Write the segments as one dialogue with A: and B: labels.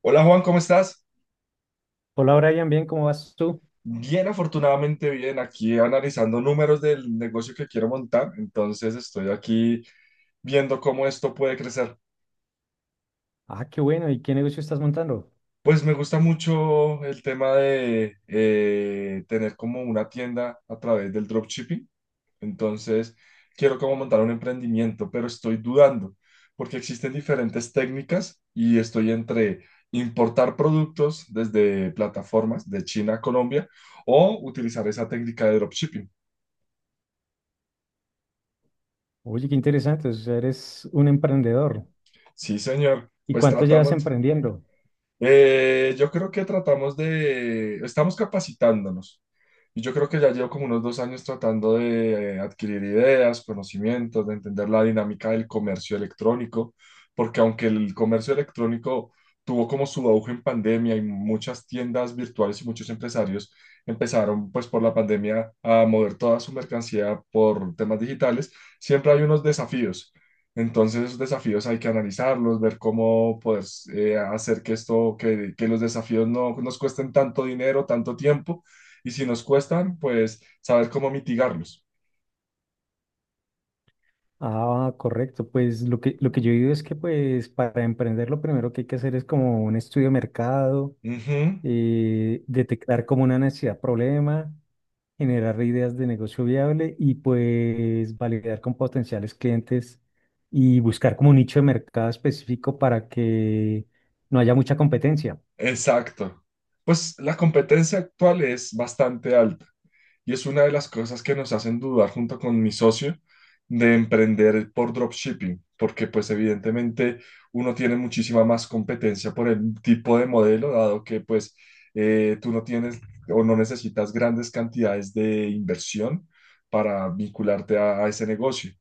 A: Hola Juan, ¿cómo estás?
B: Hola Brian, bien, ¿cómo vas tú?
A: Bien, afortunadamente bien, aquí analizando números del negocio que quiero montar, entonces estoy aquí viendo cómo esto puede crecer.
B: Ah, qué bueno, ¿y qué negocio estás montando?
A: Pues me gusta mucho el tema de tener como una tienda a través del dropshipping, entonces quiero como montar un emprendimiento, pero estoy dudando porque existen diferentes técnicas y estoy entre importar productos desde plataformas de China a Colombia o utilizar esa técnica de dropshipping.
B: Oye, qué interesante, o sea, eres un emprendedor.
A: Sí, señor.
B: ¿Y
A: Pues
B: cuánto llevas
A: tratamos,
B: emprendiendo?
A: yo creo que tratamos de, estamos capacitándonos. Y yo creo que ya llevo como unos 2 años tratando de adquirir ideas, conocimientos, de entender la dinámica del comercio electrónico, porque aunque el comercio electrónico tuvo como su auge en pandemia y muchas tiendas virtuales y muchos empresarios empezaron pues por la pandemia a mover toda su mercancía por temas digitales, siempre hay unos desafíos. Entonces, esos desafíos hay que analizarlos, ver cómo poder hacer que esto, que los desafíos no nos cuesten tanto dinero, tanto tiempo, y si nos cuestan, pues saber cómo mitigarlos.
B: Ah, correcto, pues lo que yo digo es que pues para emprender lo primero que hay que hacer es como un estudio de mercado,
A: Ujú,
B: detectar como una necesidad, problema, generar ideas de negocio viable y pues validar con potenciales clientes y buscar como un nicho de mercado específico para que no haya mucha competencia.
A: exacto. Pues la competencia actual es bastante alta. Y es una de las cosas que nos hacen dudar junto con mi socio de emprender por dropshipping, porque pues evidentemente uno tiene muchísima más competencia por el tipo de modelo, dado que pues tú no tienes o no necesitas grandes cantidades de inversión para vincularte a ese negocio.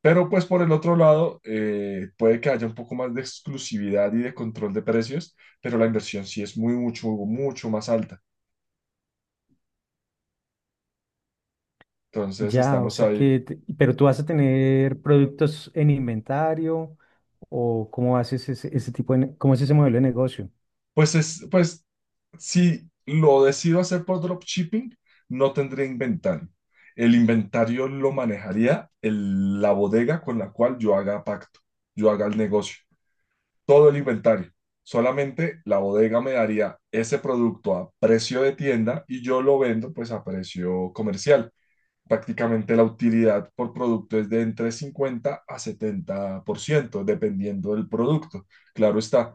A: Pero pues por el otro lado, puede que haya un poco más de exclusividad y de control de precios, pero la inversión sí es muy, mucho, mucho más alta. Entonces
B: Ya, o
A: estamos
B: sea
A: ahí.
B: que, pero tú vas a tener productos en inventario o cómo haces ese tipo de, cómo es ese modelo de negocio.
A: Pues si lo decido hacer por dropshipping, no tendría inventario. El inventario lo manejaría la bodega con la cual yo haga pacto, yo haga el negocio, todo el inventario. Solamente la bodega me daría ese producto a precio de tienda y yo lo vendo pues a precio comercial. Prácticamente la utilidad por producto es de entre 50 a 70% dependiendo del producto. Claro está,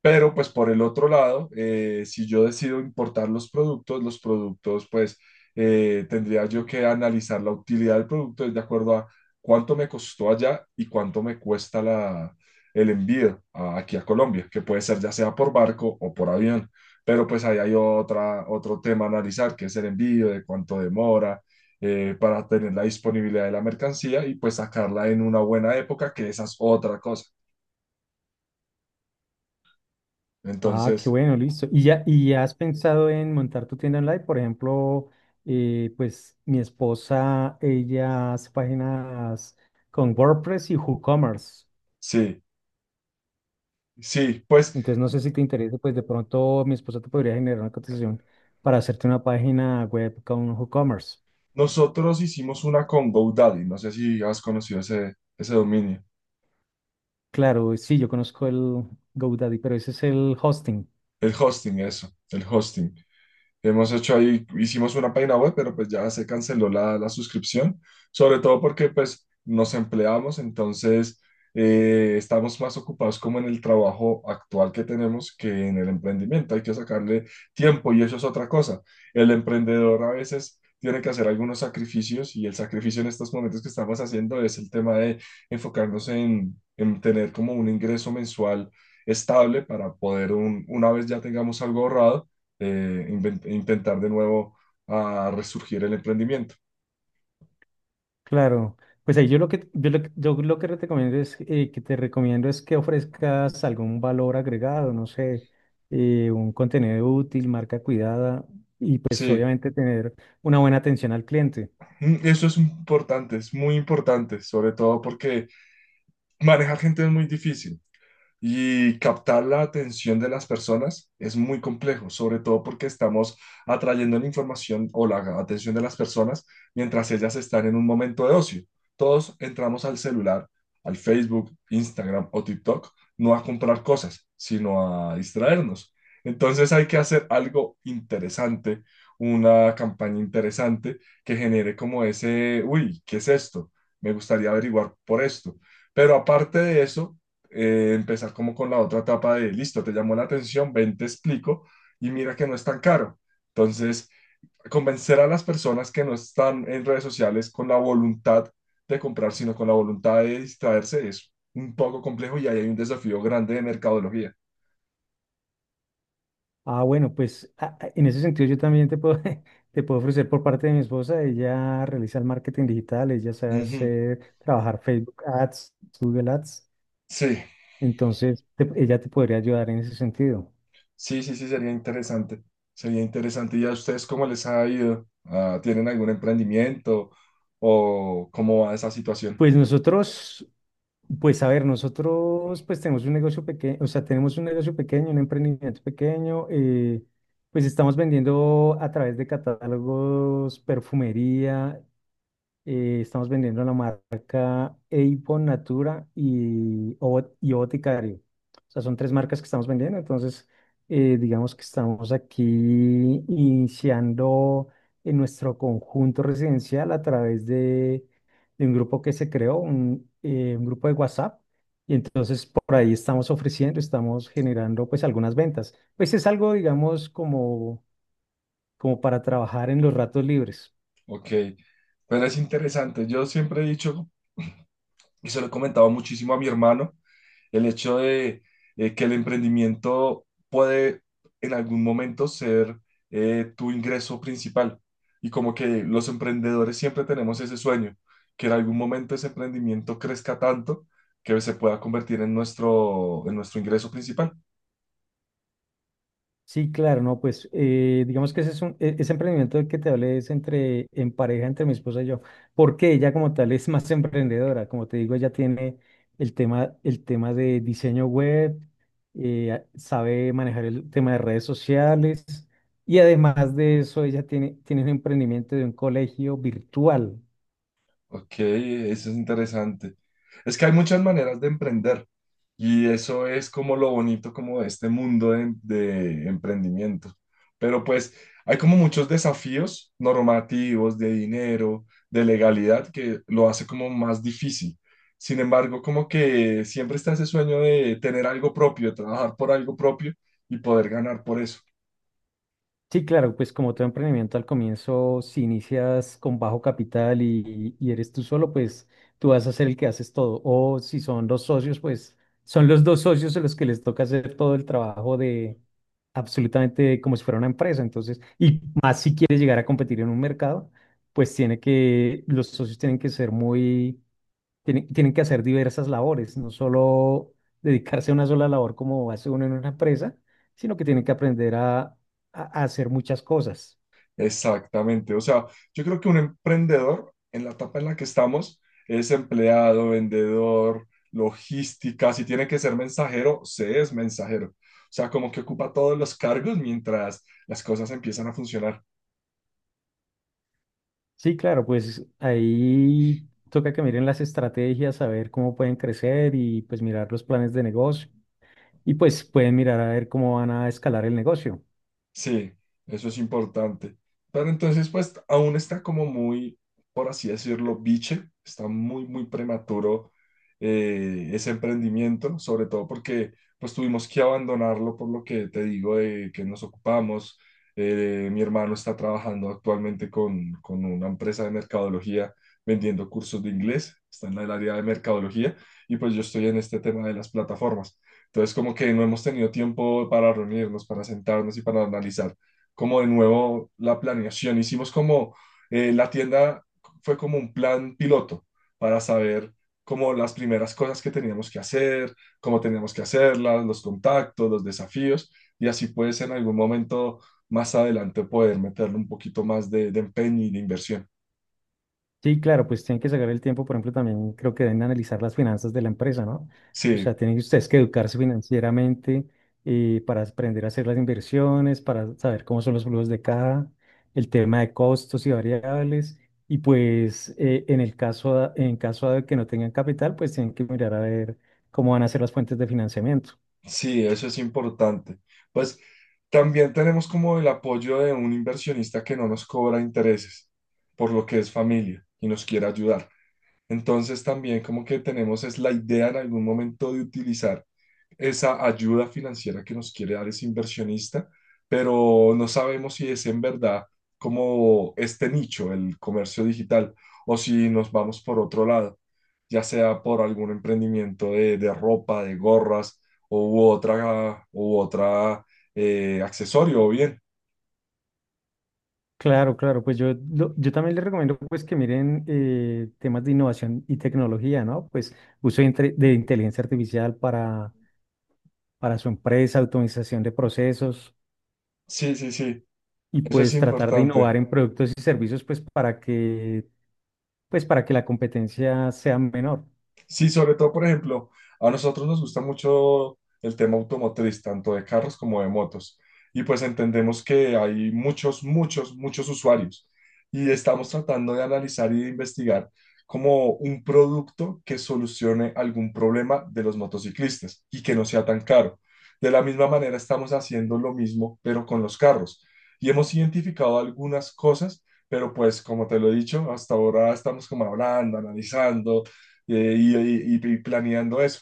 A: pero pues por el otro lado, si yo decido importar los productos pues tendría yo que analizar la utilidad del producto de acuerdo a cuánto me costó allá y cuánto me cuesta el envío aquí a Colombia, que puede ser ya sea por barco o por avión. Pero pues ahí hay otra, otro tema a analizar, que es el envío, de cuánto demora, para tener la disponibilidad de la mercancía y pues sacarla en una buena época, que esa es otra cosa.
B: Ah, qué
A: Entonces,
B: bueno, listo. Y ya has pensado en montar tu tienda online? Por ejemplo, pues mi esposa, ella hace páginas con WordPress y WooCommerce.
A: sí. Sí, pues
B: Entonces no sé si te interesa, pues de pronto mi esposa te podría generar una cotización para hacerte una página web con WooCommerce.
A: nosotros hicimos una con GoDaddy. No sé si has conocido ese, ese dominio.
B: Claro, sí, yo conozco el GoDaddy, pero ese es el hosting.
A: El hosting, eso, el hosting. Hemos hecho ahí, hicimos una página web, pero pues ya se canceló la, la suscripción, sobre todo porque pues nos empleamos, entonces estamos más ocupados como en el trabajo actual que tenemos que en el emprendimiento. Hay que sacarle tiempo y eso es otra cosa. El emprendedor a veces tiene que hacer algunos sacrificios y el sacrificio en estos momentos que estamos haciendo es el tema de enfocarnos en tener como un ingreso mensual estable para poder una vez ya tengamos algo ahorrado intentar de nuevo a resurgir el emprendimiento.
B: Claro, pues ahí yo lo que te recomiendo es que ofrezcas algún valor agregado, no sé, un contenido útil, marca cuidada y pues
A: Sí,
B: obviamente tener una buena atención al cliente.
A: eso es importante, es muy importante, sobre todo porque manejar gente es muy difícil. Y captar la atención de las personas es muy complejo, sobre todo porque estamos atrayendo la información o la atención de las personas mientras ellas están en un momento de ocio. Todos entramos al celular, al Facebook, Instagram o TikTok, no a comprar cosas, sino a distraernos. Entonces hay que hacer algo interesante, una campaña interesante que genere como ese, uy, ¿qué es esto? Me gustaría averiguar por esto. Pero aparte de eso, empezar como con la otra etapa de, listo, te llamó la atención, ven, te explico y mira que no es tan caro. Entonces, convencer a las personas que no están en redes sociales con la voluntad de comprar, sino con la voluntad de distraerse es un poco complejo y ahí hay un desafío grande de mercadología.
B: Ah, bueno, pues en ese sentido yo también te puedo te puedo ofrecer por parte de mi esposa, ella realiza el marketing digital, ella sabe
A: Ujú.
B: hacer trabajar Facebook Ads, Google Ads.
A: Sí,
B: Entonces, ella te podría ayudar en ese sentido.
A: sí, sí, sí, sería interesante. Sería interesante. ¿Y a ustedes cómo les ha ido? Ah, ¿tienen algún emprendimiento o cómo va esa situación?
B: Pues nosotros, pues a ver, nosotros pues tenemos un negocio pequeño, o sea, tenemos un negocio pequeño, un emprendimiento pequeño, pues estamos vendiendo a través de catálogos, perfumería. Estamos vendiendo la marca Avon, Natura y, y Boticario. O sea, son tres marcas que estamos vendiendo. Entonces, digamos que estamos aquí iniciando en nuestro conjunto residencial a través de un grupo que se creó, un grupo de WhatsApp. Y entonces por ahí estamos ofreciendo, estamos generando pues algunas ventas. Pues es algo, digamos, como, como para trabajar en los ratos libres.
A: Ok, pero es interesante. Yo siempre he dicho, y se lo he comentado muchísimo a mi hermano, el hecho de que el emprendimiento puede en algún momento ser tu ingreso principal. Y como que los emprendedores siempre tenemos ese sueño, que en algún momento ese emprendimiento crezca tanto que se pueda convertir en nuestro ingreso principal.
B: Sí, claro, no, pues digamos que ese es un, ese emprendimiento del que te hablé es entre, en pareja entre mi esposa y yo, porque ella como tal es más emprendedora, como te digo, ella tiene el tema de diseño web, eh, sabe manejar el tema de redes sociales y además de eso ella tiene un emprendimiento de un colegio virtual.
A: Ok, eso es interesante. Es que hay muchas maneras de emprender y eso es como lo bonito como de este mundo de emprendimiento. Pero pues hay como muchos desafíos normativos, de dinero, de legalidad que lo hace como más difícil. Sin embargo, como que siempre está ese sueño de tener algo propio, de trabajar por algo propio y poder ganar por eso.
B: Sí, claro, pues como todo emprendimiento al comienzo, si inicias con bajo capital y eres tú solo, pues tú vas a ser el que haces todo. O si son dos socios, pues son los dos socios a los que les toca hacer todo el trabajo de absolutamente como si fuera una empresa. Entonces, y más si quieres llegar a competir en un mercado, pues los socios tienen que ser muy tienen que hacer diversas labores, no solo dedicarse a una sola labor como hace uno en una empresa, sino que tienen que aprender a, a hacer muchas cosas.
A: Exactamente. O sea, yo creo que un emprendedor en la etapa en la que estamos es empleado, vendedor, logística. Si tiene que ser mensajero, se es mensajero. O sea, como que ocupa todos los cargos mientras las cosas empiezan a funcionar.
B: Sí, claro, pues ahí toca que miren las estrategias, a ver cómo pueden crecer y pues mirar los planes de negocio. Y pues pueden mirar a ver cómo van a escalar el negocio.
A: Sí, eso es importante. Pero entonces, pues, aún está como muy, por así decirlo, biche, está muy, muy prematuro ese emprendimiento, sobre todo porque, pues, tuvimos que abandonarlo por lo que te digo de que nos ocupamos. Mi hermano está trabajando actualmente con una empresa de mercadología vendiendo cursos de inglés, está en el área de mercadología y pues yo estoy en este tema de las plataformas. Entonces, como que no hemos tenido tiempo para reunirnos, para sentarnos y para analizar como de nuevo la planeación. Hicimos como la tienda fue como un plan piloto para saber como las primeras cosas que teníamos que hacer, cómo teníamos que hacerlas, los contactos, los desafíos, y así pues en algún momento más adelante poder meterle un poquito más de empeño y de inversión.
B: Sí, claro, pues tienen que sacar el tiempo, por ejemplo, también creo que deben analizar las finanzas de la empresa, ¿no? O
A: Sí,
B: sea, tienen ustedes que educarse financieramente para aprender a hacer las inversiones, para saber cómo son los flujos de caja, el tema de costos y variables, y pues en el caso, en caso de que no tengan capital, pues tienen que mirar a ver cómo van a ser las fuentes de financiamiento.
A: sí, eso es importante. Pues también tenemos como el apoyo de un inversionista que no nos cobra intereses, por lo que es familia y nos quiere ayudar. Entonces también como que tenemos es la idea en algún momento de utilizar esa ayuda financiera que nos quiere dar ese inversionista, pero no sabemos si es en verdad como este nicho, el comercio digital, o si nos vamos por otro lado, ya sea por algún emprendimiento de ropa, de gorras o u otra accesorio o bien.
B: Claro, claro, pues yo también les recomiendo pues que miren temas de innovación y tecnología, ¿no? Pues uso de inteligencia artificial para su empresa, automatización de procesos
A: Sí, sí, sí,
B: y
A: eso es
B: pues tratar de
A: importante.
B: innovar en productos y servicios pues para que la competencia sea menor.
A: Sí, sobre todo, por ejemplo, a nosotros nos gusta mucho el tema automotriz, tanto de carros como de motos. Y pues entendemos que hay muchos, muchos, muchos usuarios. Y estamos tratando de analizar y de investigar como un producto que solucione algún problema de los motociclistas y que no sea tan caro. De la misma manera, estamos haciendo lo mismo, pero con los carros. Y hemos identificado algunas cosas, pero pues como te lo he dicho, hasta ahora estamos como hablando, analizando y planeando eso.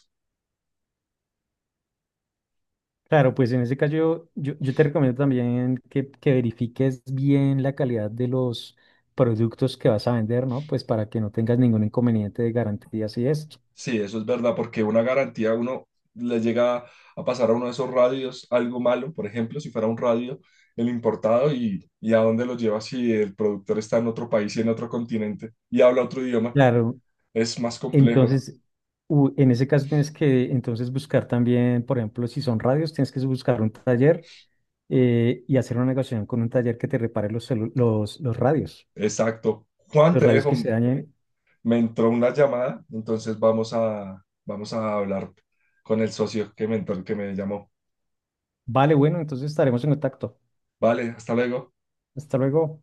B: Claro, pues en ese caso yo te recomiendo también que verifiques bien la calidad de los productos que vas a vender, ¿no? Pues para que no tengas ningún inconveniente de garantías y esto.
A: Sí, eso es verdad, porque una garantía a uno le llega a pasar a uno de esos radios algo malo, por ejemplo, si fuera un radio, el importado, y a dónde lo lleva si el productor está en otro país y en otro continente y habla otro idioma,
B: Claro,
A: es más complejo.
B: entonces, en ese caso tienes que entonces buscar también, por ejemplo, si son radios, tienes que buscar un taller y hacer una negociación con un taller que te repare
A: Exacto. Juan,
B: los
A: te
B: radios
A: dejo,
B: que se dañen.
A: me entró una llamada, entonces vamos a hablar con el socio que me llamó.
B: Vale, bueno, entonces estaremos en contacto.
A: Vale, hasta luego.
B: Hasta luego.